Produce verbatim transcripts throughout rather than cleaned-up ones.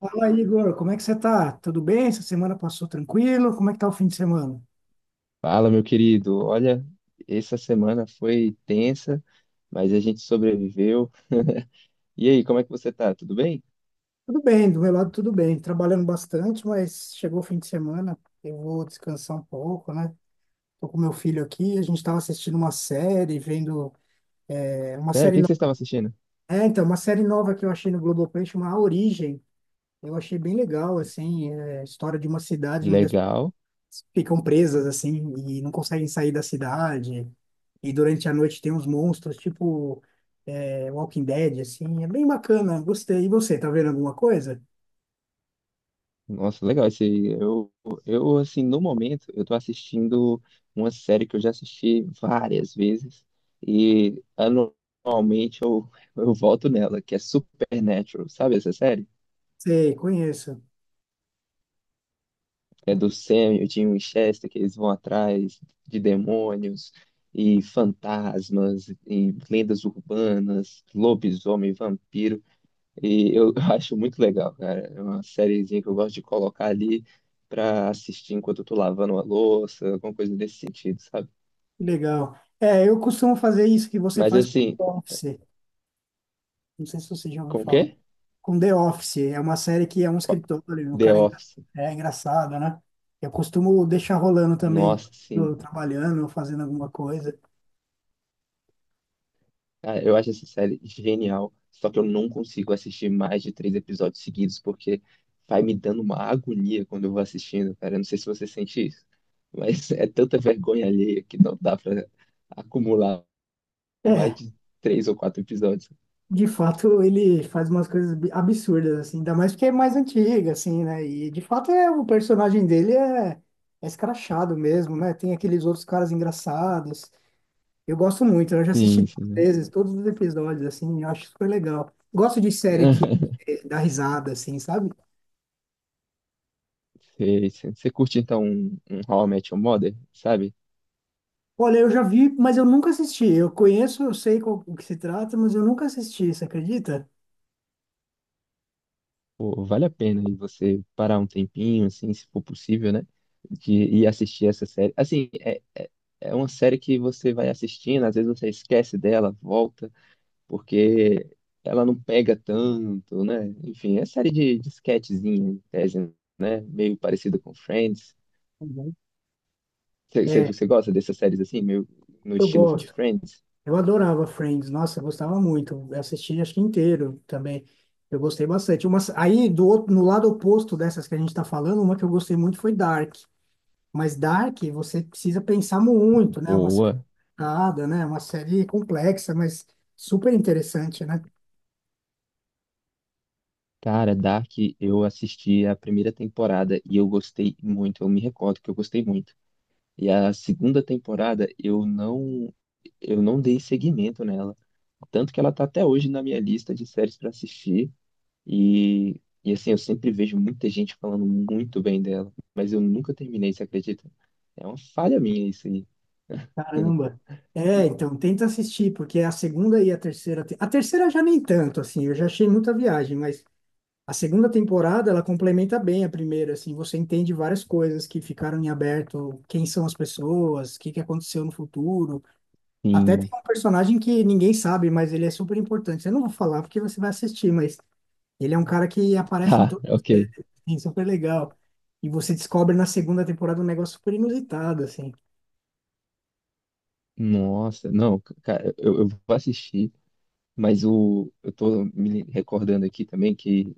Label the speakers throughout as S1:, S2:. S1: Fala aí, Igor, como é que você tá? Tudo bem? Essa semana passou tranquilo? Como é que tá o fim de semana?
S2: Fala, meu querido. Olha, essa semana foi tensa, mas a gente sobreviveu. E aí, como é que você tá? Tudo bem?
S1: Tudo bem, do meu lado tudo bem. Trabalhando bastante, mas chegou o fim de semana, eu vou descansar um pouco, né? Tô com meu filho aqui, a gente tava assistindo uma série, vendo é, uma
S2: Sério, o
S1: série
S2: que que você
S1: nova.
S2: estava assistindo?
S1: É, então, uma série nova que eu achei no Globoplay chama A Origem. Eu achei bem legal, assim, é, a história de uma cidade onde
S2: Legal.
S1: ficam presas assim e não conseguem sair da cidade. E durante a noite tem uns monstros, tipo é, Walking Dead, assim. É bem bacana, gostei. E você, tá vendo alguma coisa?
S2: Nossa, legal. Esse, eu, eu, assim, no momento, eu tô assistindo uma série que eu já assisti várias vezes e anualmente eu, eu volto nela, que é Supernatural. Sabe essa série?
S1: Sei, conheço.
S2: É do Sam e o Dean Winchester, que eles vão atrás de demônios e fantasmas e lendas urbanas, lobisomem, vampiro. E eu acho muito legal, cara. É uma sériezinha que eu gosto de colocar ali pra assistir enquanto eu tô lavando uma louça, alguma coisa desse sentido, sabe?
S1: Que legal. É, eu costumo fazer isso que você
S2: Mas
S1: faz com
S2: assim,
S1: The Office. Não sei se você já ouviu
S2: com o
S1: falar.
S2: quê?
S1: Com The Office. É uma série que é um
S2: Qual-
S1: escritório, o
S2: The
S1: cara é, engra-
S2: Office.
S1: é engraçado, né? Eu costumo deixar rolando também,
S2: Nossa,
S1: quando
S2: sim.
S1: eu tô trabalhando, ou fazendo alguma coisa.
S2: Cara, eu acho essa série genial, só que eu não consigo assistir mais de três episódios seguidos, porque vai me dando uma agonia quando eu vou assistindo, cara. Eu não sei se você sente isso, mas é tanta vergonha alheia que não dá pra acumular mais
S1: É,
S2: de três ou quatro episódios.
S1: de fato, ele faz umas coisas bi- absurdas, assim, ainda mais porque é mais antiga, assim, né? E de fato é o personagem dele é, é escrachado mesmo, né? Tem aqueles outros caras engraçados. Eu gosto muito, eu já assisti
S2: Sim,
S1: duas
S2: sim.
S1: vezes todos os episódios, assim, eu acho super legal. Gosto de série que eh, dá risada, assim, sabe?
S2: Sei, sei. Você curte então um, um How I Met Your Mother, sabe?
S1: Olha, eu já vi, mas eu nunca assisti. Eu conheço, eu sei qual- o que se trata, mas eu nunca assisti, você acredita?
S2: Pô, vale a pena aí você parar um tempinho, assim, se for possível, né? De ir assistir essa série. Assim, é, é, é uma série que você vai assistindo, às vezes você esquece dela, volta, porque ela não pega tanto, né? Enfim, é série de, de sketchzinha, em tese, né? Meio parecida com Friends.
S1: Uhum.
S2: Você você-
S1: É,
S2: você gosta dessas séries assim, meio no
S1: eu
S2: estilo de
S1: gosto.
S2: Friends?
S1: Eu adorava Friends, nossa, eu gostava muito. Eu assisti acho que inteiro também. Eu gostei bastante. Uma, aí do outro, no lado oposto dessas que a gente está falando, uma que eu gostei muito foi Dark. Mas Dark, você precisa pensar muito, né? Uma série
S2: Boa.
S1: complicada, né? Uma série complexa, mas super interessante, né?
S2: Cara, Dark, eu assisti a primeira temporada e eu gostei muito. Eu me recordo que eu gostei muito. E a segunda temporada eu não eu não dei seguimento nela, tanto que ela tá até hoje na minha lista de séries para assistir e e assim, eu sempre vejo muita gente falando muito bem dela, mas eu nunca terminei, você acredita? É uma falha minha isso aí.
S1: Caramba. É,
S2: E-
S1: então tenta assistir, porque a segunda e a terceira, te- a terceira já nem tanto assim, eu já achei muita viagem, mas a segunda temporada, ela complementa bem a primeira, assim, você entende várias coisas que ficaram em aberto, quem são as pessoas, o que que aconteceu no futuro. Até tem
S2: Sim,
S1: um personagem que ninguém sabe, mas ele é super importante. Eu não vou falar porque você vai assistir, mas ele é um cara que aparece em
S2: tá,
S1: to...
S2: ok.
S1: é, é super legal. E você descobre na segunda temporada um negócio super inusitado, assim.
S2: Nossa, não, c- cara, eu, eu vou assistir, mas o, eu tô me recordando aqui também que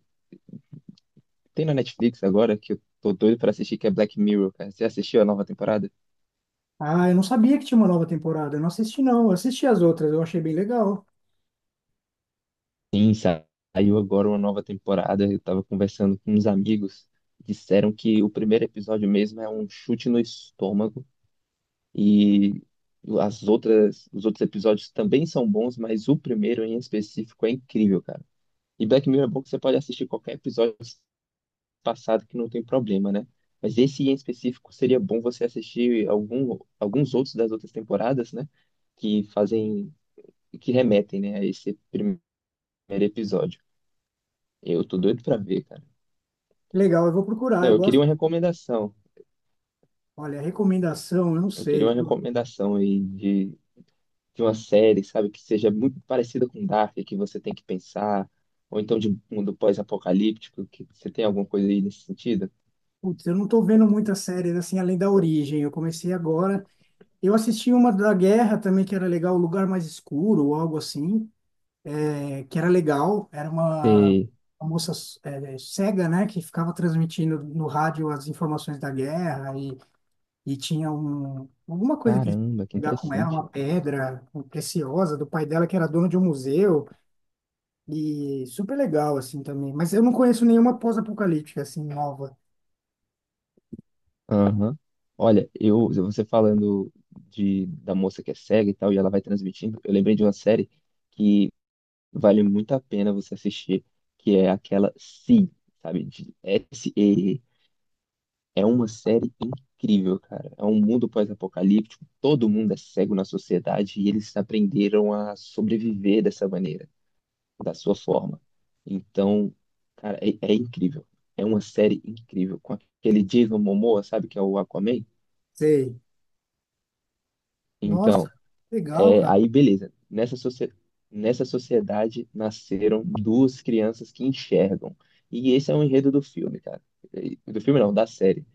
S2: tem na Netflix agora que eu tô doido pra assistir, que é Black Mirror, cara. Você assistiu a nova temporada?
S1: Ah, eu não sabia que tinha uma nova temporada. Eu não assisti, não. Eu assisti as outras, eu achei bem legal.
S2: Sim, sa- saiu agora uma nova temporada. Eu estava conversando com uns amigos. Disseram que o primeiro episódio mesmo é um chute no estômago e as outras, os outros episódios também são bons, mas o primeiro em específico é incrível, cara. E Black Mirror é bom que você pode assistir qualquer episódio passado que não tem problema, né? Mas esse em específico seria bom você assistir algum, alguns outros das outras temporadas, né? Que fazem, que remetem, né, a esse primeiro episódio. Eu tô doido pra ver, cara.
S1: Legal, eu vou procurar,
S2: Não,
S1: eu
S2: eu queria
S1: gosto.
S2: uma recomendação.
S1: Olha, recomendação, eu não
S2: Eu queria
S1: sei.
S2: uma recomendação aí de, de uma série, sabe, que seja muito parecida com Dark, que você tem que pensar, ou então de um mundo pós-apocalíptico, que você tem alguma coisa aí nesse sentido?
S1: Putz, eu não tô vendo muitas séries assim além da Origem. Eu comecei agora. Eu assisti uma da Guerra também que era legal, O Lugar Mais Escuro ou algo assim, é, que era legal. Era uma,
S2: Sei.
S1: uma moça é, cega, né, que ficava transmitindo no rádio as informações da guerra e, e tinha um, alguma coisa que eles
S2: Caramba, que
S1: pegar com ela,
S2: interessante.
S1: uma pedra preciosa do pai dela que era dono de um museu e super legal assim também. Mas eu não conheço nenhuma pós-apocalíptica assim nova.
S2: Aham. Olha, eu, você falando de, da moça que é cega e tal, e ela vai transmitindo, eu lembrei de uma série que vale muito a pena você assistir, que é aquela Si, sabe, de S E E. É uma série incrível, cara. É um mundo pós-apocalíptico, todo mundo é cego na sociedade e eles aprenderam a sobreviver dessa maneira, da sua forma. Então, cara, é, é incrível. É uma série incrível. Com aquele Jason Momoa, sabe, que é o Aquaman?
S1: Sei. Nossa,
S2: Então,
S1: legal,
S2: é,
S1: cara.
S2: aí beleza. Nessa, socie- nessa sociedade nasceram duas crianças que enxergam. E esse é o enredo do filme, cara. E- Do filme não, da série.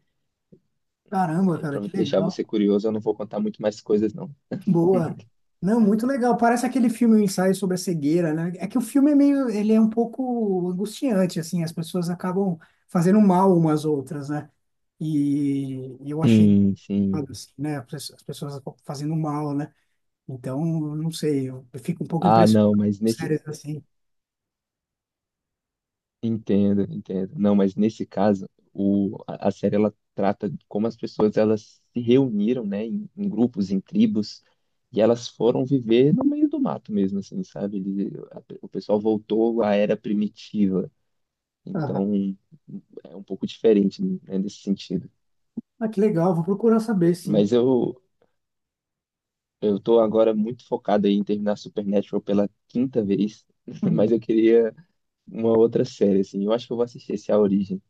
S1: Caramba,
S2: Aí,
S1: cara,
S2: pra
S1: que
S2: deixar você
S1: legal.
S2: curioso, eu não vou contar muito mais coisas, não.
S1: Boa. Não, muito legal. Parece aquele filme, O Ensaio sobre a Cegueira, né? É que o filme é meio, ele é um pouco angustiante, assim, as pessoas acabam fazendo mal umas outras, né? E eu achei,
S2: Sim, sim.
S1: assim, né? As pessoas as pessoas fazendo mal, né? Então, não sei, eu fico um pouco
S2: Ah,
S1: impressionado
S2: não,
S1: com
S2: mas nesse.
S1: séries assim.
S2: Entendo, entendo. Não, mas nesse caso, o, a a série ela trata de como as pessoas elas se reuniram, né, em, em grupos, em tribos, e elas foram viver no meio do mato mesmo, assim, sabe? Ele- a- o pessoal voltou à era primitiva.
S1: Aham.
S2: Então, é um pouco diferente, né, nesse sentido.
S1: Ah, que legal, vou procurar saber, sim.
S2: Mas eu eu tô agora muito focado aí em terminar Supernatural pela quinta vez,
S1: Uhum.
S2: mas eu queria uma outra série, assim. Eu acho que eu vou assistir esse A Origem.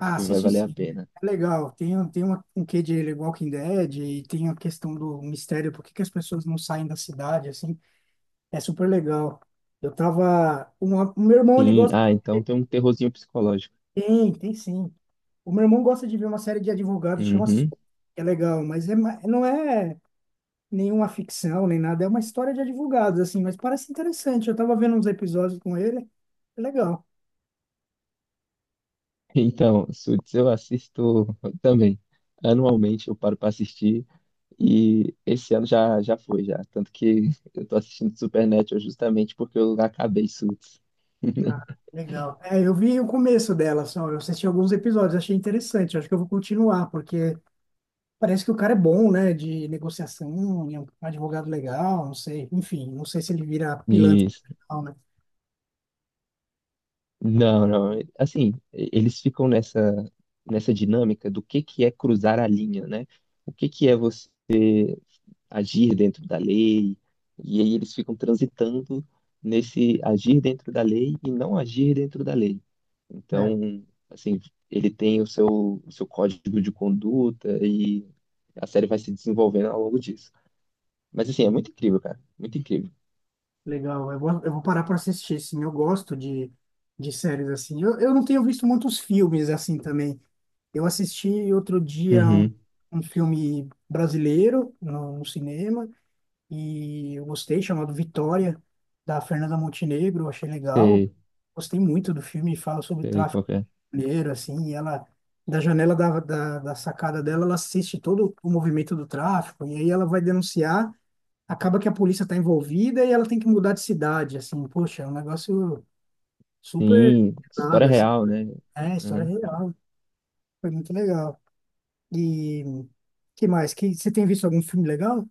S2: Acho que vai
S1: assisti
S2: valer a
S1: sim.
S2: pena.
S1: É legal. Tem, um- tem uma, um quê de Walking Dead e tem a questão do mistério, por que que as pessoas não saem da cidade, assim. É super legal. Eu tava... Uma, o meu irmão, ele
S2: Sim,
S1: gosta...
S2: ah, então tem um terrorzinho psicológico.
S1: Tem, tem sim. O meu irmão gosta de ver uma série de advogados, chama... Su-
S2: Uhum.
S1: é legal, mas é, ma- não é nenhuma ficção, nem nada. É uma história de advogados, assim, mas parece interessante. Eu tava vendo uns episódios com ele. É legal.
S2: Então, Suits eu assisto também. Anualmente eu paro para assistir e esse ano já já foi já, tanto que eu tô assistindo Supernatural justamente porque eu acabei Suits.
S1: Ah, legal. É, eu vi o começo dela só, eu assisti alguns episódios, achei interessante. Acho que eu vou continuar, porque parece que o cara é bom, né, de negociação, é um advogado legal, não sei. Enfim, não sei se ele vira pilantra,
S2: Isso.
S1: não, né?
S2: Não, não. Assim, eles ficam nessa nessa dinâmica do que que é cruzar a linha, né? O que que é você agir dentro da lei, e aí eles ficam transitando nesse agir dentro da lei e não agir dentro da lei.
S1: É,
S2: Então, assim, ele tem o seu, o seu código de conduta e a série vai se desenvolvendo ao longo disso. Mas, assim, é muito incrível, cara, muito incrível.
S1: legal. Eu vou, eu vou parar para assistir, sim. Eu gosto de, de séries assim. Eu, eu não tenho visto muitos filmes assim também. Eu assisti outro dia um,
S2: Uhum.
S1: um filme brasileiro no, no cinema. E eu gostei, chamado Vitória, da Fernanda Montenegro, achei legal.
S2: Sei,
S1: Gostei muito do filme, fala sobre o
S2: sei
S1: tráfico
S2: qual que é.
S1: mineiro, assim, e ela, da janela da, da, da sacada dela, ela assiste todo o movimento do tráfico, e aí ela vai denunciar, acaba que a polícia está envolvida e ela tem que mudar de cidade, assim, poxa, é um negócio super
S2: Sim, história
S1: nada, assim,
S2: real, né?
S1: é, história é
S2: Uhum.
S1: real, foi muito legal. E que mais? Que, você tem visto algum filme legal?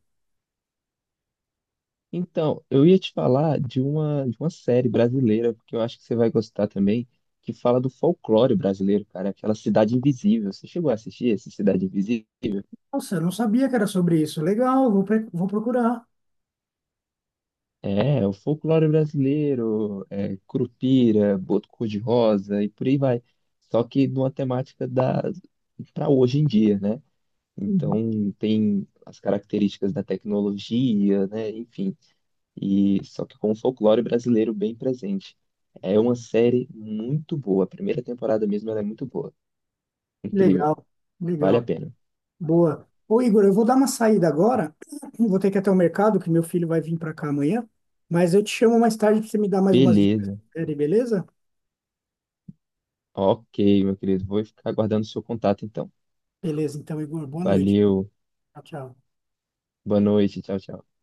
S2: Então, eu ia te falar de uma, de uma série brasileira, que eu acho que você vai gostar também, que fala do folclore brasileiro, cara, aquela Cidade Invisível. Você chegou a assistir essa Cidade Invisível?
S1: Nossa, eu não sabia que era sobre isso. Legal, vou, pre- vou procurar.
S2: É, é o folclore brasileiro, é, Curupira, Boto Cor-de-Rosa e por aí vai. Só que numa temática da para hoje em dia, né? Então
S1: Uhum.
S2: tem as características da tecnologia, né? Enfim, e só que com o folclore brasileiro bem presente. É uma série muito boa. A primeira temporada mesmo ela é muito boa. Incrível.
S1: Legal,
S2: Vale a
S1: legal.
S2: pena.
S1: Boa. Ô, Igor, eu vou dar uma saída agora. Vou ter que ir até o mercado, que meu filho vai vir para cá amanhã. Mas eu te chamo mais tarde para você me dar mais umas dicas de
S2: Beleza.
S1: série, beleza?
S2: Ok, meu querido. Vou ficar aguardando o seu contato então.
S1: Beleza, então, Igor, boa noite.
S2: Valeu.
S1: Tchau, tchau.
S2: Boa noite. Tchau, tchau.